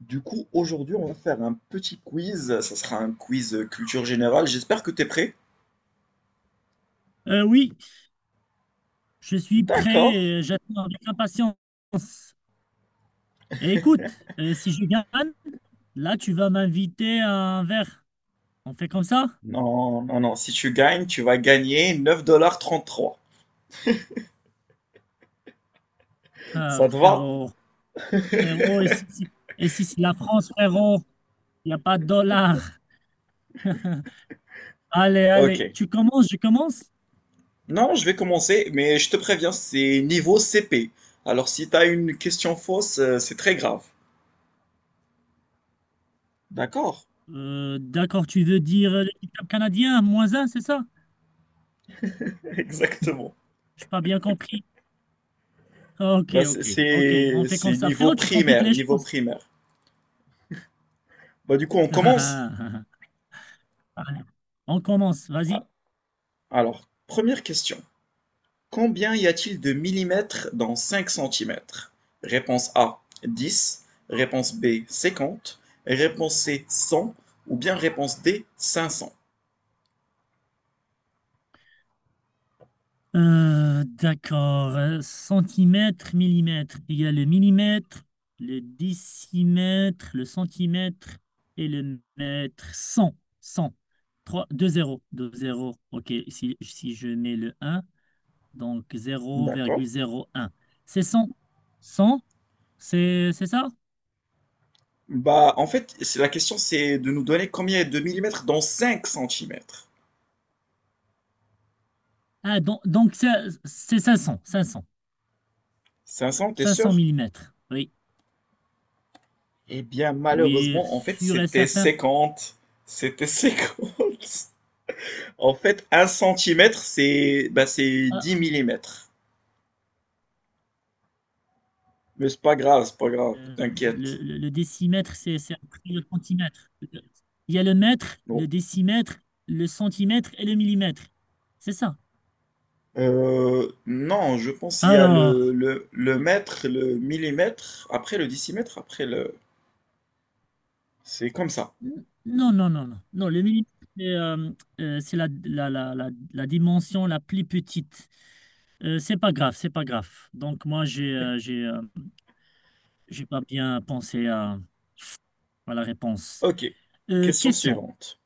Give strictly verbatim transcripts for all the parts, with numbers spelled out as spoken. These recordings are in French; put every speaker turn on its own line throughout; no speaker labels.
Du coup, aujourd'hui, on va faire un petit quiz. Ça sera un quiz euh, culture générale. J'espère que tu es prêt.
Euh, oui, je suis
D'accord.
prêt, euh, j'attends avec impatience. Et écoute, euh, si je gagne, là tu vas m'inviter à un verre. On fait comme ça?
Non, non, non. Si tu gagnes, tu vas gagner neuf virgule trente-trois dollars.
Ah,
Ça te va?
frérot, frérot, et si, si- et si c'est la France, frérot, il n'y a pas de dollars. Allez, allez,
Ok.
tu commences, je commence.
Non, je vais commencer, mais je te préviens, c'est niveau C P. Alors, si tu as une question fausse, euh, c'est très grave. D'accord.
Euh, d'accord, tu veux dire euh, l'équipe canadien, moins un, c'est ça?
Exactement.
Je n'ai pas bien compris. Ok,
Bah, c'est
ok, ok, on
c'est-
fait comme
c'est
ça.
niveau
Frérot, tu compliques
primaire,
les
niveau
choses.
primaire. Bah, du coup, on commence.
Allez, on commence,
Ah,
vas-y.
alors, première question. Combien y a-t-il de millimètres dans cinq centimètres? Réponse A dix. Réponse B cinquante. Réponse C cent. Ou bien réponse D cinq cents.
Euh, d'accord. Euh, Centimètre, millimètre. Il y a le millimètre, le décimètre, le centimètre et le mètre. Cent, cent. Trois, deux zéro, deux zéro. OK, si, si je mets le un, donc zéro zéro
D'accord.
virgule zéro un. C'est cent, cent. c'est c'est ça?
Bah en fait, c'est la question c'est de nous donner combien y de millimètres dans cinq centimètres.
Ah, donc, donc ça- c'est cinq cents,
cinq cents, t'es
cinq 500
sûr?
millimètres. Oui,
Eh bien
oui,
malheureusement, en fait,
sûr et
c'était
certain.
cinquante. C'était cinquante. En fait, un centimètre, c'est bah, c'est
Ah,
dix millimètres. Mais c'est pas grave, c'est pas grave,
euh, le,
t'inquiète.
le- le décimètre, c'est c'est après le centimètre. Il y a le mètre,
Bon,
le décimètre, le centimètre et le millimètre. C'est ça.
Euh, non, je pense qu'il y a le,
Alors,
le, le mètre, le millimètre, après le décimètre, après le... C'est comme ça.
n- non, non, non, non. Non, le millimètre, c'est euh, euh, c'est la, la, la, la, la dimension la plus petite. Euh, c'est pas grave, c'est pas grave. Donc, moi, j'ai euh, j'ai euh, j'ai pas bien pensé à, à la réponse.
Ok.
Euh,
Question
question.
suivante.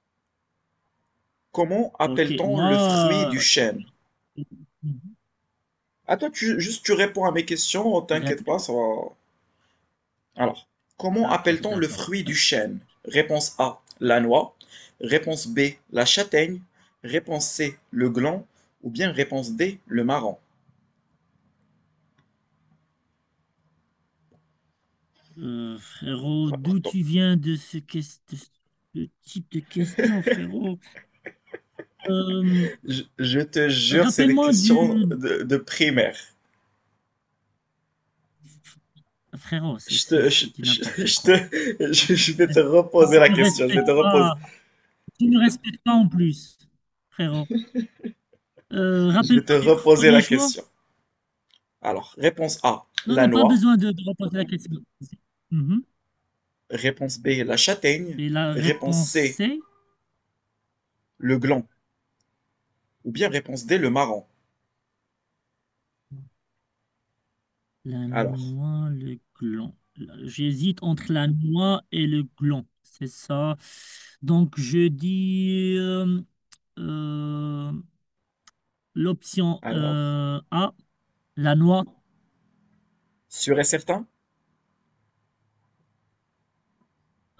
Comment
Ok,
appelle-t-on le fruit du
moi,
chêne?
euh,
Attends, tu, juste tu réponds à mes questions, t'inquiète
répète.
pas, ça va... Alors, comment
D'accord,
appelle-t-on le
d'accord.
fruit du
Euh,
chêne? Réponse A, la noix. Réponse B, la châtaigne. Réponse C, le gland. Ou bien réponse D, le marron.
Euh, frérot, d'où tu viens de ce, ques- de ce type de question, frérot? Euh,
Je, je te jure, c'est des
Rappelle-moi
questions
du...
de, de primaire.
Frérot, c'est
Je te,
c'est-
je,
c'est du
je,
n'importe
je te,
quoi.
je, je vais te
Et
reposer
tu
la
ne
question. Je vais te
respectes
reposer,
pas, tu ne respectes pas en plus, frérot. Euh,
je vais te
rappelle-moi du
reposer la
premier choix.
question. Alors, réponse A,
Non,
la
non, pas
noix.
besoin de, de reposer la question. Mhm.
Réponse B, la châtaigne.
Et la
Réponse
réponse
C,
C?
le gland. Ou bien réponse D, le marron.
La
Alors,
noix, le gland. Là, j'hésite entre la noix et le gland. C'est ça. Donc, je dis euh, euh, l'option
alors,
euh, A, la noix.
sûr et certain,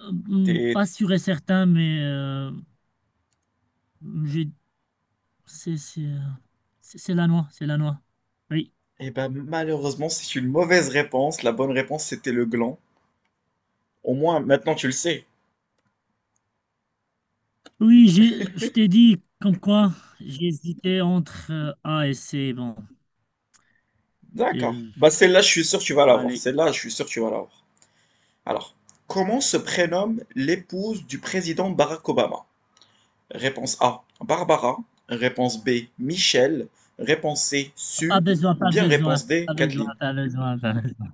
Euh, hmm,
t'es,
pas sûr et certain, mais euh, je- c'est c'est, euh, c'est- c'est la noix. C'est la noix. Oui.
eh ben, malheureusement, c'est une mauvaise réponse. La bonne réponse, c'était le gland. Au moins, maintenant, tu le sais.
Oui, j'ai- je t'ai dit comme quoi j'hésitais entre euh, A et C. Bon,
D'accord.
Euh,
Bah, celle-là, je suis sûr que tu vas l'avoir.
allez,
Celle-là, je suis sûr que tu vas l'avoir. Alors, comment se prénomme l'épouse du président Barack Obama? Réponse A, Barbara. Réponse B, Michelle. Réponse C,
pas
Sue.
besoin,
Ou
pas
bien
besoin,
réponse D,
pas besoin,
Kathleen.
pas besoin, pas besoin.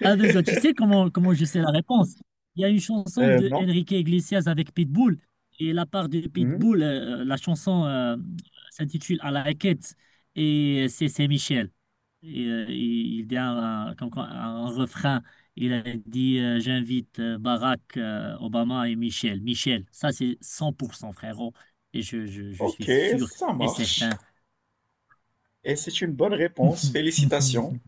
Ah, ben ça, tu sais comment, comment je sais la réponse. Il y a une chanson
Euh,
de
non.
Enrique Iglesias avec Pitbull. Et la part de
Mhm.
Pitbull, euh, la chanson euh, s'intitule À la quête. Et c'est c'est Michel. Et, euh, il il dit un, un- comme quoi, un refrain. Il a dit euh, j'invite euh, Barack euh, Obama et Michel. Michel, ça c'est cent pour cent frérot. Et je, je, je suis
Ok,
sûr
ça
et
marche.
certain.
Et c'est une bonne réponse. Félicitations.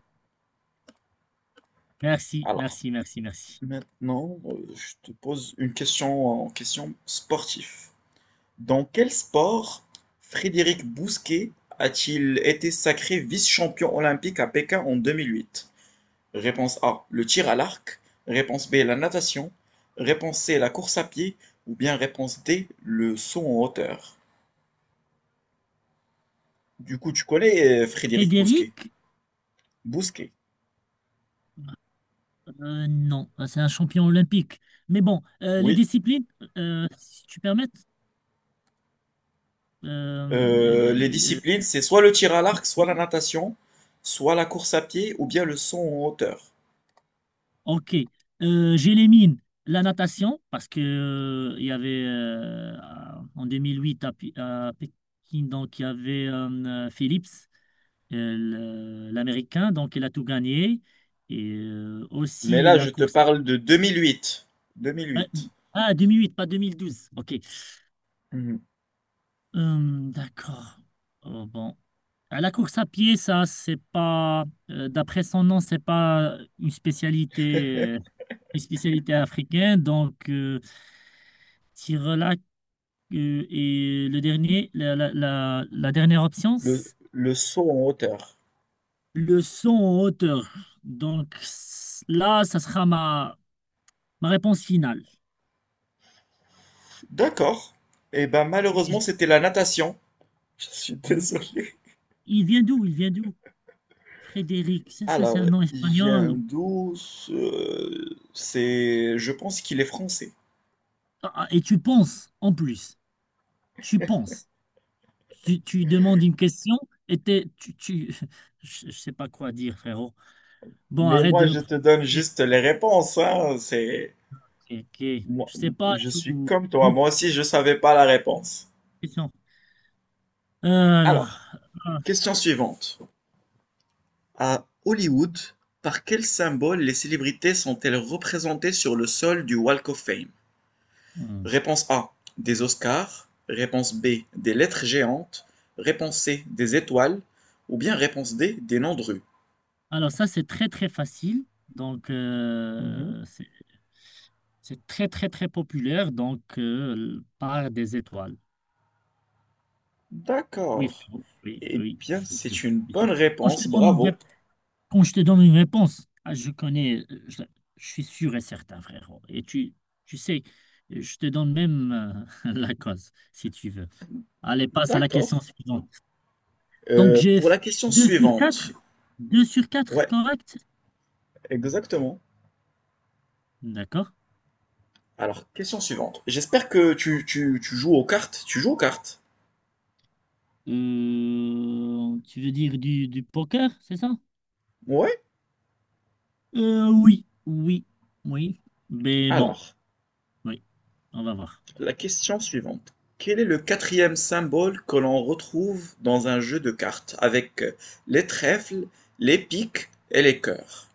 Merci,
Alors,
merci, merci, merci.
maintenant, euh, je te pose une question en question sportive. Dans quel sport Frédéric Bousquet a-t-il été sacré vice-champion olympique à Pékin en deux mille huit? Réponse A, le tir à l'arc. Réponse B, la natation. Réponse C, la course à pied. Ou bien réponse D, le saut en hauteur. Du coup, tu connais euh, Frédéric Bousquet.
Frédéric.
Bousquet.
Euh, non, euh, c'est un champion olympique. Mais bon, euh, les
Oui.
disciplines, euh, si tu permets. euh, les-
Euh,
les-
les
les-
disciplines, c'est soit le tir à l'arc, soit la
les-
natation, soit la course à pied, ou bien le saut en hauteur.
Ok. Euh, j'élimine la natation parce que euh, il y avait euh, en deux mille huit à, Pi- à Pékin, donc il y avait euh, Phillips, euh, le- l'Américain, donc il a tout gagné. Et euh,
Mais
aussi
là,
la
je te
course.
parle de deux mille huit.
Ah,
deux mille huit.
ah, deux mille huit, pas deux mille douze. Ok.
Mhm.
Hum, d'accord. Oh, bon. À la course à pied, ça, c'est pas, euh, d'après son nom, c'est pas une spécialité, euh, une spécialité africaine. Donc, euh, Tirelac euh, et le dernier, la, la, la, la dernière option,
Le,
c'est
le saut en hauteur.
le son en hauteur. Donc, c- là, ça sera ma, ma réponse finale.
D'accord. Eh ben,
Et
malheureusement,
je-
c'était la natation. Je suis
la natation.
désolé.
Il vient d'où? Il vient d'où? Frédéric, c'est ça, c'est
Alors,
un nom
il vient
espagnol. ou-
d'où ce c'est je pense qu'il est français.
Ah, ah, et tu penses, en plus. Tu penses, tu, tu demandes une question et t'es- tu, tu- je, je sais pas quoi dire, frérot. Bon,
Mais
arrête de
moi,
me
je te donne
provoquer.
juste les réponses, hein. C'est
Ok, ok.
moi,
Je sais pas,
je
tu,
suis comme toi.
tu-
Moi aussi, je savais pas la réponse.
question. Euh, alors,
Alors,
ah,
question suivante. À Hollywood, par quel symbole les célébrités sont-elles représentées sur le sol du Walk of Fame?
hmm.
Réponse A, des Oscars. Réponse B, des lettres géantes. Réponse C, des étoiles. Ou bien réponse D, des noms de rue.
Alors ça c'est très très facile, donc euh, c'est c'est très très très populaire, donc euh, par des étoiles. Oui,
D'accord.
frérot, oui,
Eh
oui, je
bien,
suis sûr,
c'est
je
une
suis sûr.
bonne
Quand je
réponse,
te donne
bravo.
une Quand je te donne une réponse, ah, je connais, euh, je, je suis sûr et certain, frérot. Et tu, tu sais, je te donne même euh, la cause, si tu veux. Allez, passe à la
D'accord.
question suivante. Donc,
Euh,
j'ai
pour la
fait
question
deux sur quatre,
suivante.
deux sur quatre
Ouais,
correct?
exactement.
D'accord.
Alors, question suivante. J'espère que tu, tu, tu joues aux cartes. Tu joues aux cartes?
Euh, tu veux dire du, du poker, c'est ça?
Ouais.
Euh, oui, oui, oui. Mais bon,
Alors,
oui, on va voir.
la question suivante. Quel est le quatrième symbole que l'on retrouve dans un jeu de cartes avec euh, les trèfles, les piques et les cœurs?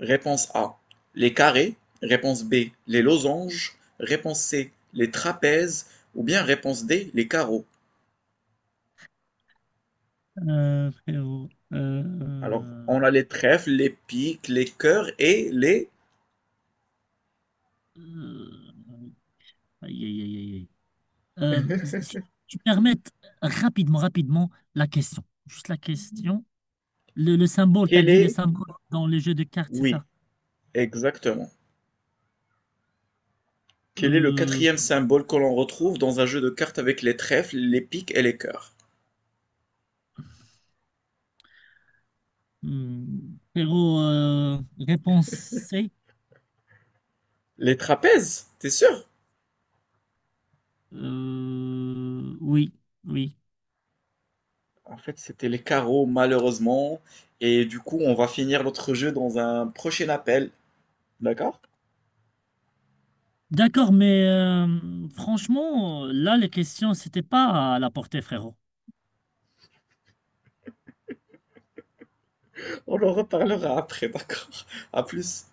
Réponse A: les carrés, réponse B: les losanges, réponse C: les trapèzes ou bien réponse D: les carreaux.
Euh, frérot,
Alors,
euh,
on a les trèfles, les piques, les cœurs et les...
euh, aïe, aïe, aïe, aïe, aïe. Euh, Si tu permettes rapidement, rapidement la question. Juste la question. Le, le symbole, t'as
Quel
dit les
est...
symboles dans les jeux de cartes, c'est
Oui,
ça?
exactement. Quel est le
Euh,
quatrième symbole que l'on retrouve dans un jeu de cartes avec les trèfles, les piques et les cœurs?
hmm, Pero, euh, réponse C.
Les trapèzes, t'es sûr?
Euh, oui, oui.
En fait, c'était les carreaux, malheureusement. Et du coup, on va finir notre jeu dans un prochain appel. D'accord?
D'accord, mais euh, franchement, là, les questions, c'était pas à la portée, frérot.
On en reparlera après, d'accord? À plus.